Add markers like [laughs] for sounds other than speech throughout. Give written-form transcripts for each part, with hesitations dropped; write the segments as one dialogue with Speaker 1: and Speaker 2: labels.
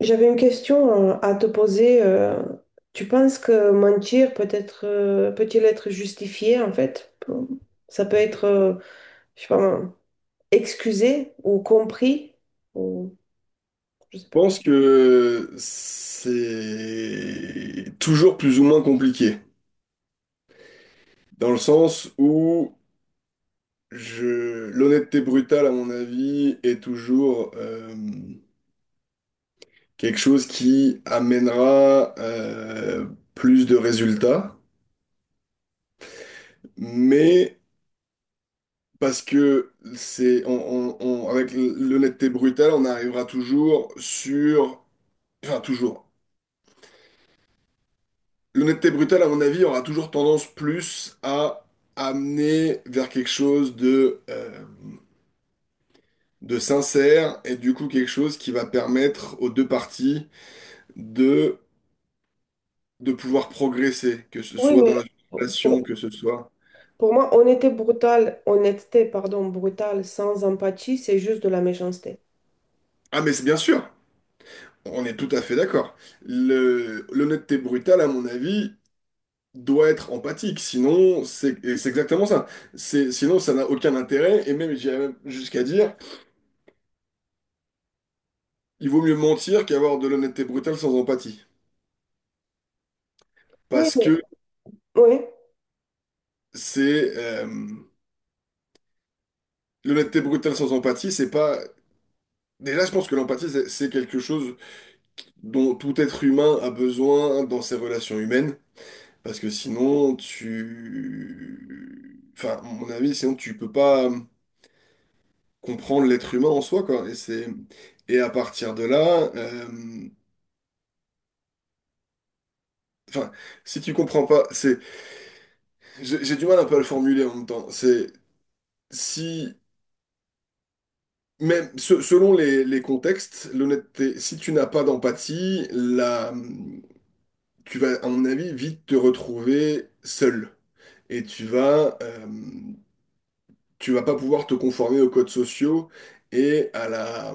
Speaker 1: J'avais une question à te poser. Tu penses que mentir peut-il être justifié en fait? Ça peut être, je sais pas, excusé ou compris ou je sais pas.
Speaker 2: Je pense que c'est toujours plus ou moins compliqué, dans le sens où l'honnêteté brutale, à mon avis, est toujours quelque chose qui amènera plus de résultats, mais parce que c'est on- avec l'honnêteté brutale, on arrivera toujours sur, enfin toujours. L'honnêteté brutale, à mon avis, aura toujours tendance plus à amener vers quelque chose de sincère et du coup quelque chose qui va permettre aux deux parties de, de pouvoir progresser, que ce
Speaker 1: Oui,
Speaker 2: soit
Speaker 1: mais
Speaker 2: dans la relation,
Speaker 1: pour,
Speaker 2: que ce soit...
Speaker 1: pour moi, honnêteté brutale, honnêteté, pardon, brutale, sans empathie, c'est juste de la méchanceté.
Speaker 2: Ah mais c'est bien sûr, on est tout à fait d'accord. L'honnêteté brutale, à mon avis, doit être empathique, sinon c'est et c'est exactement ça. Sinon ça n'a aucun intérêt et même j'irais même jusqu'à dire... Il vaut mieux mentir qu'avoir de l'honnêteté brutale sans empathie.
Speaker 1: Oui,
Speaker 2: Parce
Speaker 1: mais
Speaker 2: que
Speaker 1: oui,
Speaker 2: c'est... euh, l'honnêteté brutale sans empathie, c'est pas... Déjà, je pense que l'empathie, c'est quelque chose dont tout être humain a besoin dans ses relations humaines. Parce que sinon, tu... Enfin, à mon avis, sinon, tu peux pas comprendre l'être humain en soi, quoi. Et c'est... Et à partir de là... Enfin, si tu comprends pas... c'est... J'ai du mal un peu à le formuler en même temps. C'est... Si... Mais selon les contextes, l'honnêteté, si tu n'as pas d'empathie, tu vas, à mon avis, vite te retrouver seul. Et tu vas pas pouvoir te conformer aux codes sociaux et à la,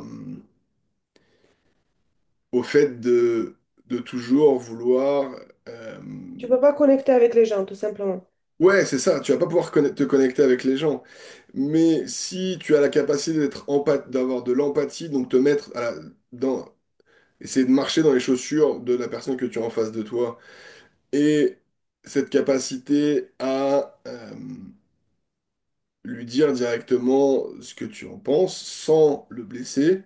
Speaker 2: au fait de toujours vouloir... euh,
Speaker 1: tu peux pas connecter avec les gens, tout simplement.
Speaker 2: ouais, c'est ça, tu vas pas pouvoir te connecter avec les gens. Mais si tu as la capacité d'être d'avoir de l'empathie, donc te mettre à dans, essayer de marcher dans les chaussures de la personne que tu as en face de toi. Et cette capacité à lui dire directement ce que tu en penses sans le blesser,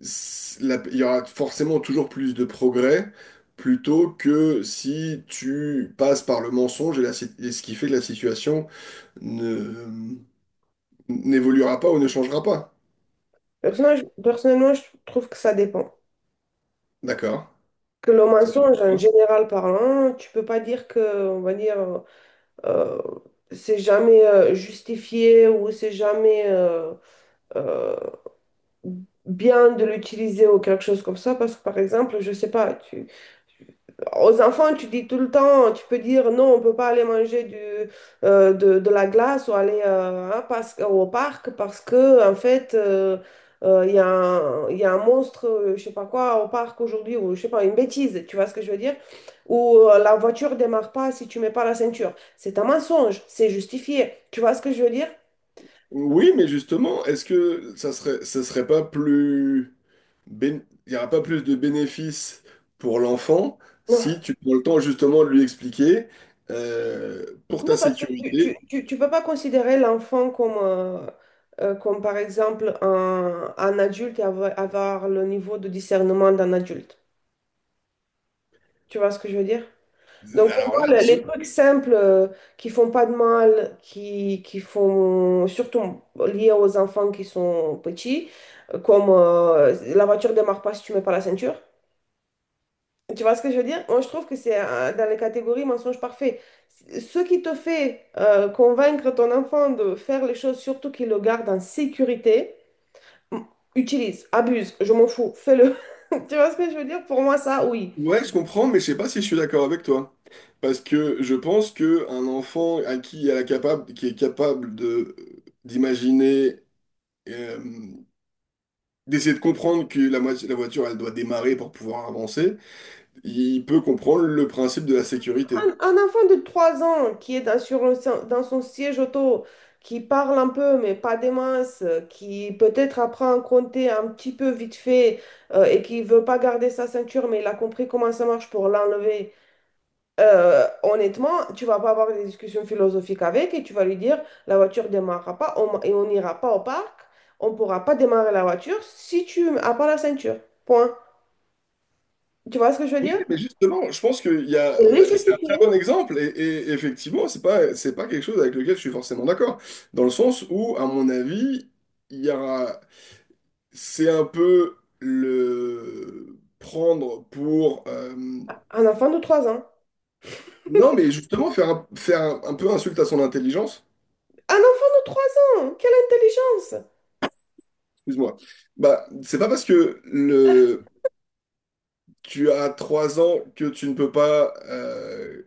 Speaker 2: il y aura forcément toujours plus de progrès plutôt que si tu passes par le mensonge et, la si- et ce qui fait que la situation ne, n'évoluera pas ou ne changera pas.
Speaker 1: Personnellement, je trouve que ça dépend.
Speaker 2: D'accord?
Speaker 1: Que le
Speaker 2: Ça,
Speaker 1: mensonge, en général parlant, tu peux pas dire que, on va dire, euh, c'est jamais justifié ou c'est jamais euh, bien de l'utiliser ou quelque chose comme ça, parce que par exemple, je sais pas, aux enfants, tu dis tout le temps, tu peux dire non, on peut pas aller manger de la glace ou aller hein, au parc parce que, en fait, il y a un monstre, je sais pas quoi, au parc aujourd'hui, ou je sais pas, une bêtise, tu vois ce que je veux dire? Ou la voiture démarre pas si tu mets pas la ceinture. C'est un mensonge, c'est justifié. Tu vois ce que je veux dire?
Speaker 2: oui, mais justement, est-ce que ça serait pas plus... il n'y aura pas plus de bénéfices pour l'enfant si tu prends le temps justement de lui expliquer pour
Speaker 1: Non,
Speaker 2: ta
Speaker 1: parce que tu, tu,
Speaker 2: sécurité.
Speaker 1: tu, tu peux pas considérer l'enfant comme, comme, par exemple, un adulte et avoir le niveau de discernement d'un adulte. Tu vois ce que je veux dire? Donc, pour
Speaker 2: Alors là,
Speaker 1: moi, les
Speaker 2: je-
Speaker 1: trucs simples qui font pas de mal, qui font surtout liés aux enfants qui sont petits, comme la voiture démarre pas si tu mets pas la ceinture, tu vois ce que je veux dire? Moi, je trouve que c'est dans les catégories mensonge parfait. Ce qui te fait convaincre ton enfant de faire les choses, surtout qu'il le garde en sécurité, m- utilise, abuse, je m'en fous, fais-le. [laughs] Tu vois ce que je veux dire? Pour moi, ça, oui.
Speaker 2: ouais, je comprends, mais je sais pas si je suis d'accord avec toi. Parce que je pense que un enfant à qui elle est capable, qui est capable de d'imaginer, euh, d'essayer de comprendre que la voiture, elle doit démarrer pour pouvoir avancer, il peut comprendre le principe de la sécurité.
Speaker 1: Un enfant de 3 ans qui est dans, sur un si- dans son siège auto, qui parle un peu, mais pas des masses, qui peut-être apprend à compter un petit peu vite fait et qui veut pas garder sa ceinture, mais il a compris comment ça marche pour l'enlever. Honnêtement, tu vas pas avoir des discussions philosophiques avec et tu vas lui dire la voiture démarrera pas et on n'ira pas au parc, on pourra pas démarrer la voiture si tu n'as pas la ceinture. Point. Tu vois ce que je veux
Speaker 2: Oui,
Speaker 1: dire?
Speaker 2: mais justement, je pense
Speaker 1: Les
Speaker 2: c'est un très
Speaker 1: justifier.
Speaker 2: bon exemple et effectivement, c'est pas quelque chose avec lequel je suis forcément d'accord. Dans le sens où, à mon avis, il y a, c'est un peu le prendre pour,
Speaker 1: Un enfant de 3 ans.
Speaker 2: non, mais justement faire un peu insulte à son intelligence.
Speaker 1: Un enfant de 3 ans! Quelle intelligence!
Speaker 2: Excuse-moi. Bah, c'est pas parce que tu as trois ans que tu ne peux pas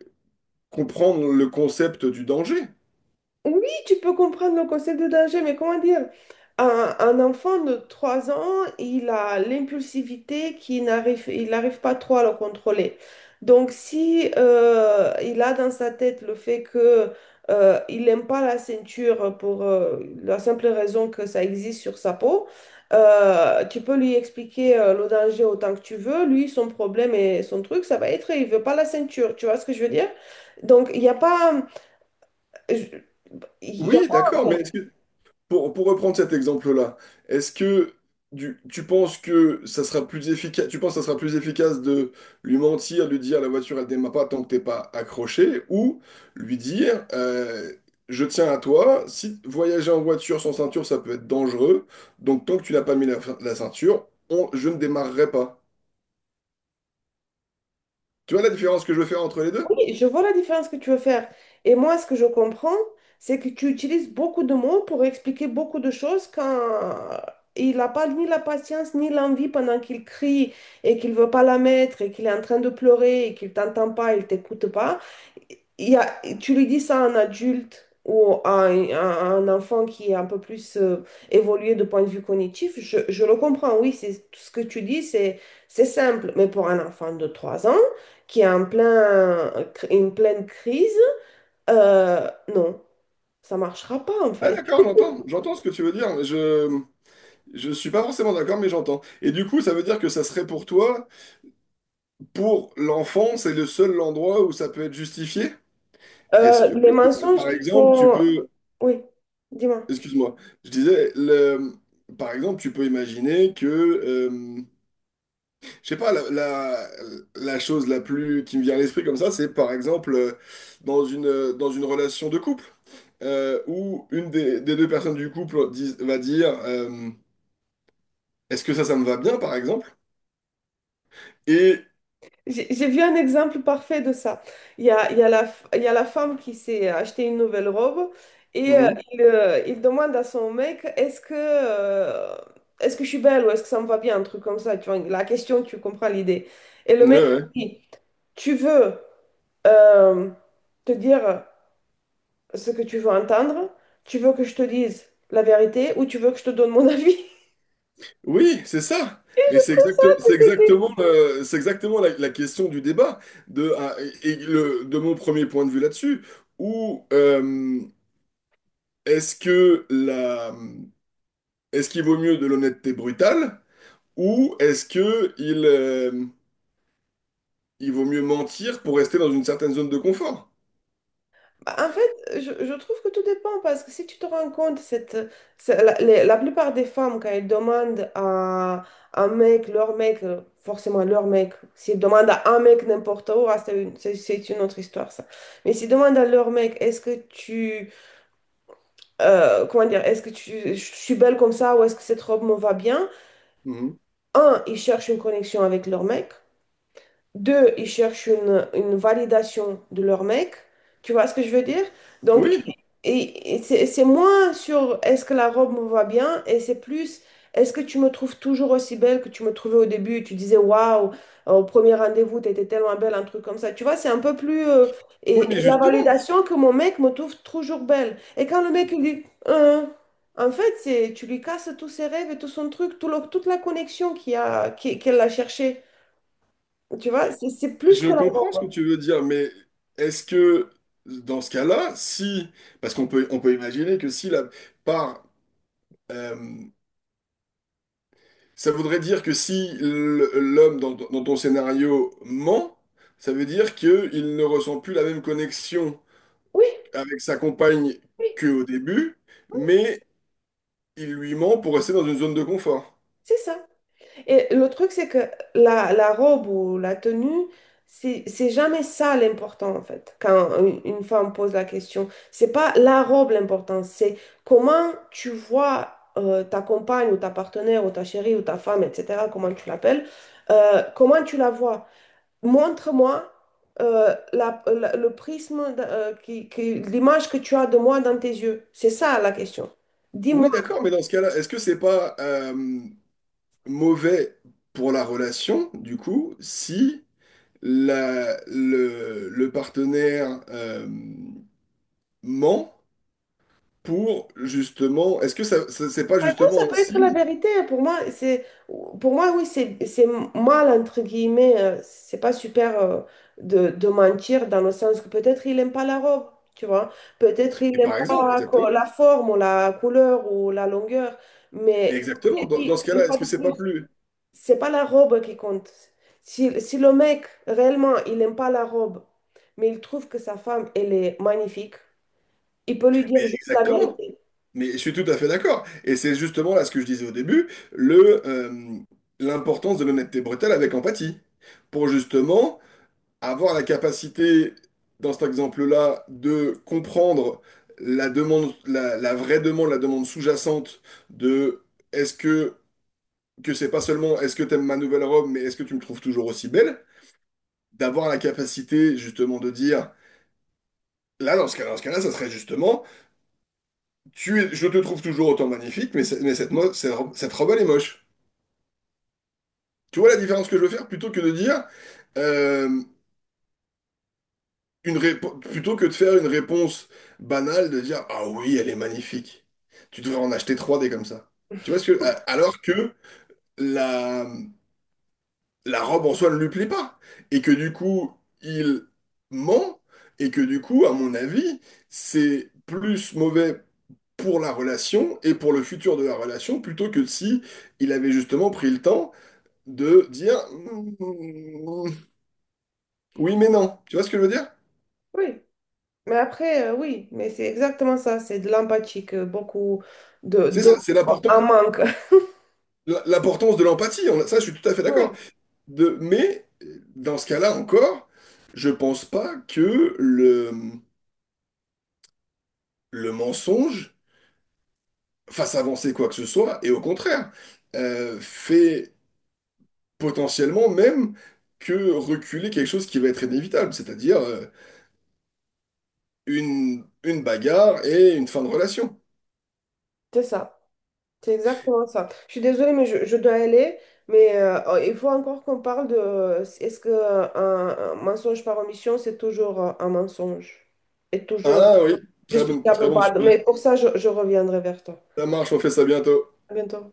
Speaker 2: comprendre le concept du danger.
Speaker 1: Oui, tu peux comprendre le concept de danger, mais comment dire? Un enfant de 3 ans, il a l'impulsivité il n'arrive pas trop à le contrôler. Donc, si il a dans sa tête le fait que il n'aime pas la ceinture pour la simple raison que ça existe sur sa peau, tu peux lui expliquer le danger autant que tu veux. Lui, son problème et son truc, ça va être, il veut pas la ceinture. Tu vois ce que je veux dire? Donc, il n'y a pas. Il n'y a
Speaker 2: Oui,
Speaker 1: pas, en
Speaker 2: d'accord, mais
Speaker 1: fait.
Speaker 2: est-ce que pour reprendre cet exemple-là, est-ce que tu penses que ça sera plus efficace, tu penses que ça sera plus efficace de lui mentir, lui dire la voiture elle démarre pas tant que t'es pas accroché, ou lui dire je tiens à toi, si voyager en voiture sans ceinture ça peut être dangereux, donc tant que tu n'as pas mis la ceinture, je ne démarrerai pas. Tu vois la différence que je veux faire entre les deux?
Speaker 1: Oui, je vois la différence que tu veux faire. Et moi, ce que je comprends, c'est que tu utilises beaucoup de mots pour expliquer beaucoup de choses quand il n'a pas ni la patience ni l'envie pendant qu'il crie et qu'il veut pas la mettre et qu'il est en train de pleurer et qu'il t'entend pas, il t'écoute pas. Tu lui dis ça à un adulte ou à un enfant qui est un peu plus évolué de point de vue cognitif, je le comprends, oui, c'est tout ce que tu dis, c'est simple, mais pour un enfant de 3 ans qui est en plein, une pleine crise, euh, non, ça marchera pas en
Speaker 2: Ah
Speaker 1: fait.
Speaker 2: d'accord, j'entends, j'entends ce que tu veux dire, mais je suis pas forcément d'accord, mais j'entends. Et du coup, ça veut dire que ça serait pour toi. Pour l'enfant, c'est le seul endroit où ça peut être justifié? Est-ce que,
Speaker 1: Les mensonges
Speaker 2: par
Speaker 1: qui
Speaker 2: exemple, tu
Speaker 1: vont...
Speaker 2: peux...
Speaker 1: Oui, dis-moi.
Speaker 2: Excuse-moi, je disais, par exemple, tu peux imaginer que... je sais pas, la chose la plus qui me vient à l'esprit comme ça, c'est par exemple dans dans une relation de couple, où une des deux personnes du couple va dire est-ce que ça me va bien, par exemple? Et...
Speaker 1: J'ai vu un exemple parfait de ça. Il y a la, f- il y a la femme qui s'est acheté une nouvelle robe et
Speaker 2: Mhm.
Speaker 1: il demande à son mec, est-ce que je suis belle ou est-ce que ça me va bien, un truc comme ça. Tu vois, la question, tu comprends l'idée. Et le
Speaker 2: Ouais,
Speaker 1: mec
Speaker 2: ouais.
Speaker 1: dit, tu veux euh, te dire ce que tu veux entendre, tu veux que je te dise la vérité ou tu veux que je te donne mon avis. [laughs]
Speaker 2: Oui, c'est ça.
Speaker 1: Et
Speaker 2: Mais
Speaker 1: je trouve ça que
Speaker 2: c'est
Speaker 1: c'était
Speaker 2: exactement, c'est exactement la question du débat de, ah, et de mon premier point de vue là-dessus. Où est-ce que est-ce qu'il vaut mieux de l'honnêteté brutale ou est-ce que il vaut mieux mentir pour rester dans une certaine zone de confort.
Speaker 1: Bah, en fait, je trouve que tout dépend parce que si tu te rends compte, cette, c'est- la, les- la plupart des femmes, quand elles demandent à un mec, leur mec, forcément leur mec, s'ils demandent à un mec n'importe où, ah, c'est une autre histoire ça. Mais s'ils demandent à leur mec, comment dire, je suis belle comme ça ou est-ce que cette robe me va bien?
Speaker 2: Mhm.
Speaker 1: Un, ils cherchent une connexion avec leur mec. Deux, ils cherchent une validation de leur mec. Tu vois ce que je veux dire? Donc,
Speaker 2: Oui,
Speaker 1: et c'est moins sur est-ce que la robe me va bien et c'est plus est-ce que tu me trouves toujours aussi belle que tu me trouvais au début? Tu disais waouh, au premier rendez-vous, t'étais tellement belle, un truc comme ça. Tu vois, c'est un peu plus.
Speaker 2: oui, mais
Speaker 1: Et, la
Speaker 2: justement,
Speaker 1: validation que mon mec me trouve toujours belle. Et quand le mec il dit en fait, c'est, tu lui casses tous ses rêves et tout son truc, toute la connexion qu'il y a, qu'elle a cherchée. Tu vois, c'est plus
Speaker 2: je
Speaker 1: que la
Speaker 2: comprends ce
Speaker 1: robe.
Speaker 2: que tu veux dire, mais est-ce que dans ce cas-là, si, parce qu'on peut, on peut imaginer que si par, euh, ça voudrait dire que si l'homme dans ton scénario ment, ça veut dire qu'il ne ressent plus la même connexion
Speaker 1: Oui,
Speaker 2: avec sa compagne
Speaker 1: oui,
Speaker 2: qu'au début, mais il lui ment pour rester dans une zone de confort.
Speaker 1: c'est ça. Et le truc, c'est que la robe ou la tenue, c'est jamais ça l'important, en fait, quand une femme pose la question. C'est pas la robe l'important, c'est comment tu vois ta compagne ou ta partenaire ou ta chérie ou ta femme, etc., comment tu l'appelles, comment tu la vois. Montre-moi le prisme, l'image que tu as de moi dans tes yeux. C'est ça la question. Dis-moi.
Speaker 2: Oui, d'accord, mais dans ce cas-là, est-ce que c'est pas mauvais pour la relation, du coup, si le partenaire ment pour justement, est-ce que c'est pas
Speaker 1: Par exemple,
Speaker 2: justement
Speaker 1: ça
Speaker 2: un
Speaker 1: peut être la
Speaker 2: signe?
Speaker 1: vérité, hein. Pour moi, oui, c'est mal, entre guillemets. C'est pas super de mentir dans le sens que peut-être il n'aime pas la robe, tu vois. Peut-être il
Speaker 2: Et
Speaker 1: n'aime
Speaker 2: par exemple,
Speaker 1: pas
Speaker 2: exactement.
Speaker 1: la forme ou la couleur ou la longueur.
Speaker 2: Mais
Speaker 1: Mais comme je
Speaker 2: exactement.
Speaker 1: t'ai
Speaker 2: Dans
Speaker 1: dit,
Speaker 2: ce
Speaker 1: une
Speaker 2: cas-là,
Speaker 1: fois
Speaker 2: est-ce
Speaker 1: de
Speaker 2: que c'est pas
Speaker 1: plus,
Speaker 2: plus...
Speaker 1: c'est pas la robe qui compte. Si, si le mec, réellement, il n'aime pas la robe, mais il trouve que sa femme, elle est magnifique, il peut lui dire juste la
Speaker 2: Exactement.
Speaker 1: vérité.
Speaker 2: Mais je suis tout à fait d'accord. Et c'est justement là ce que je disais au début, l'importance de l'honnêteté brutale avec empathie. Pour justement avoir la capacité, dans cet exemple-là, de comprendre la demande, la vraie demande, la demande sous-jacente de est-ce que c'est pas seulement est-ce que t'aimes ma nouvelle robe, mais est-ce que tu me trouves toujours aussi belle? D'avoir la capacité justement de dire, là, dans ce cas-là, ça serait justement. Je te trouve toujours autant magnifique, mais, mais cette robe, elle est moche. Tu vois la différence que je veux faire? Plutôt que de dire, euh, une plutôt que de faire une réponse banale, de dire, ah oui, elle est magnifique. Tu devrais en acheter trois des comme ça. Tu vois ce que, alors que la, la robe en soi ne lui plaît pas. Et que du coup, il ment. Et que du coup, à mon avis, c'est plus mauvais pour la relation et pour le futur de la relation, plutôt que si il avait justement pris le temps de dire mm, oui mais non. Tu vois ce que je veux dire?
Speaker 1: Oui. Mais après, oui, mais c'est exactement ça, c'est de l'empathie que beaucoup de
Speaker 2: C'est
Speaker 1: d'hommes
Speaker 2: ça, c'est
Speaker 1: en
Speaker 2: l'important-
Speaker 1: manque. [laughs]
Speaker 2: l'importance de l'empathie. Ça, je suis tout à fait d'accord.
Speaker 1: Oui,
Speaker 2: De, mais dans ce cas-là encore, je pense pas que le mensonge fasse avancer quoi que ce soit, et au contraire, fait potentiellement même que reculer quelque chose qui va être inévitable, c'est-à-dire une bagarre et une fin de relation.
Speaker 1: c'est ça, c'est exactement ça. Je suis désolée, mais je dois aller, mais il faut encore qu'on parle de est-ce que un mensonge par omission, c'est toujours un mensonge? Est toujours
Speaker 2: Ah oui,
Speaker 1: justifiable
Speaker 2: très
Speaker 1: ou
Speaker 2: bon
Speaker 1: pas?
Speaker 2: sujet.
Speaker 1: Mais pour ça, je reviendrai vers toi.
Speaker 2: Ça marche, on fait ça bientôt.
Speaker 1: À bientôt.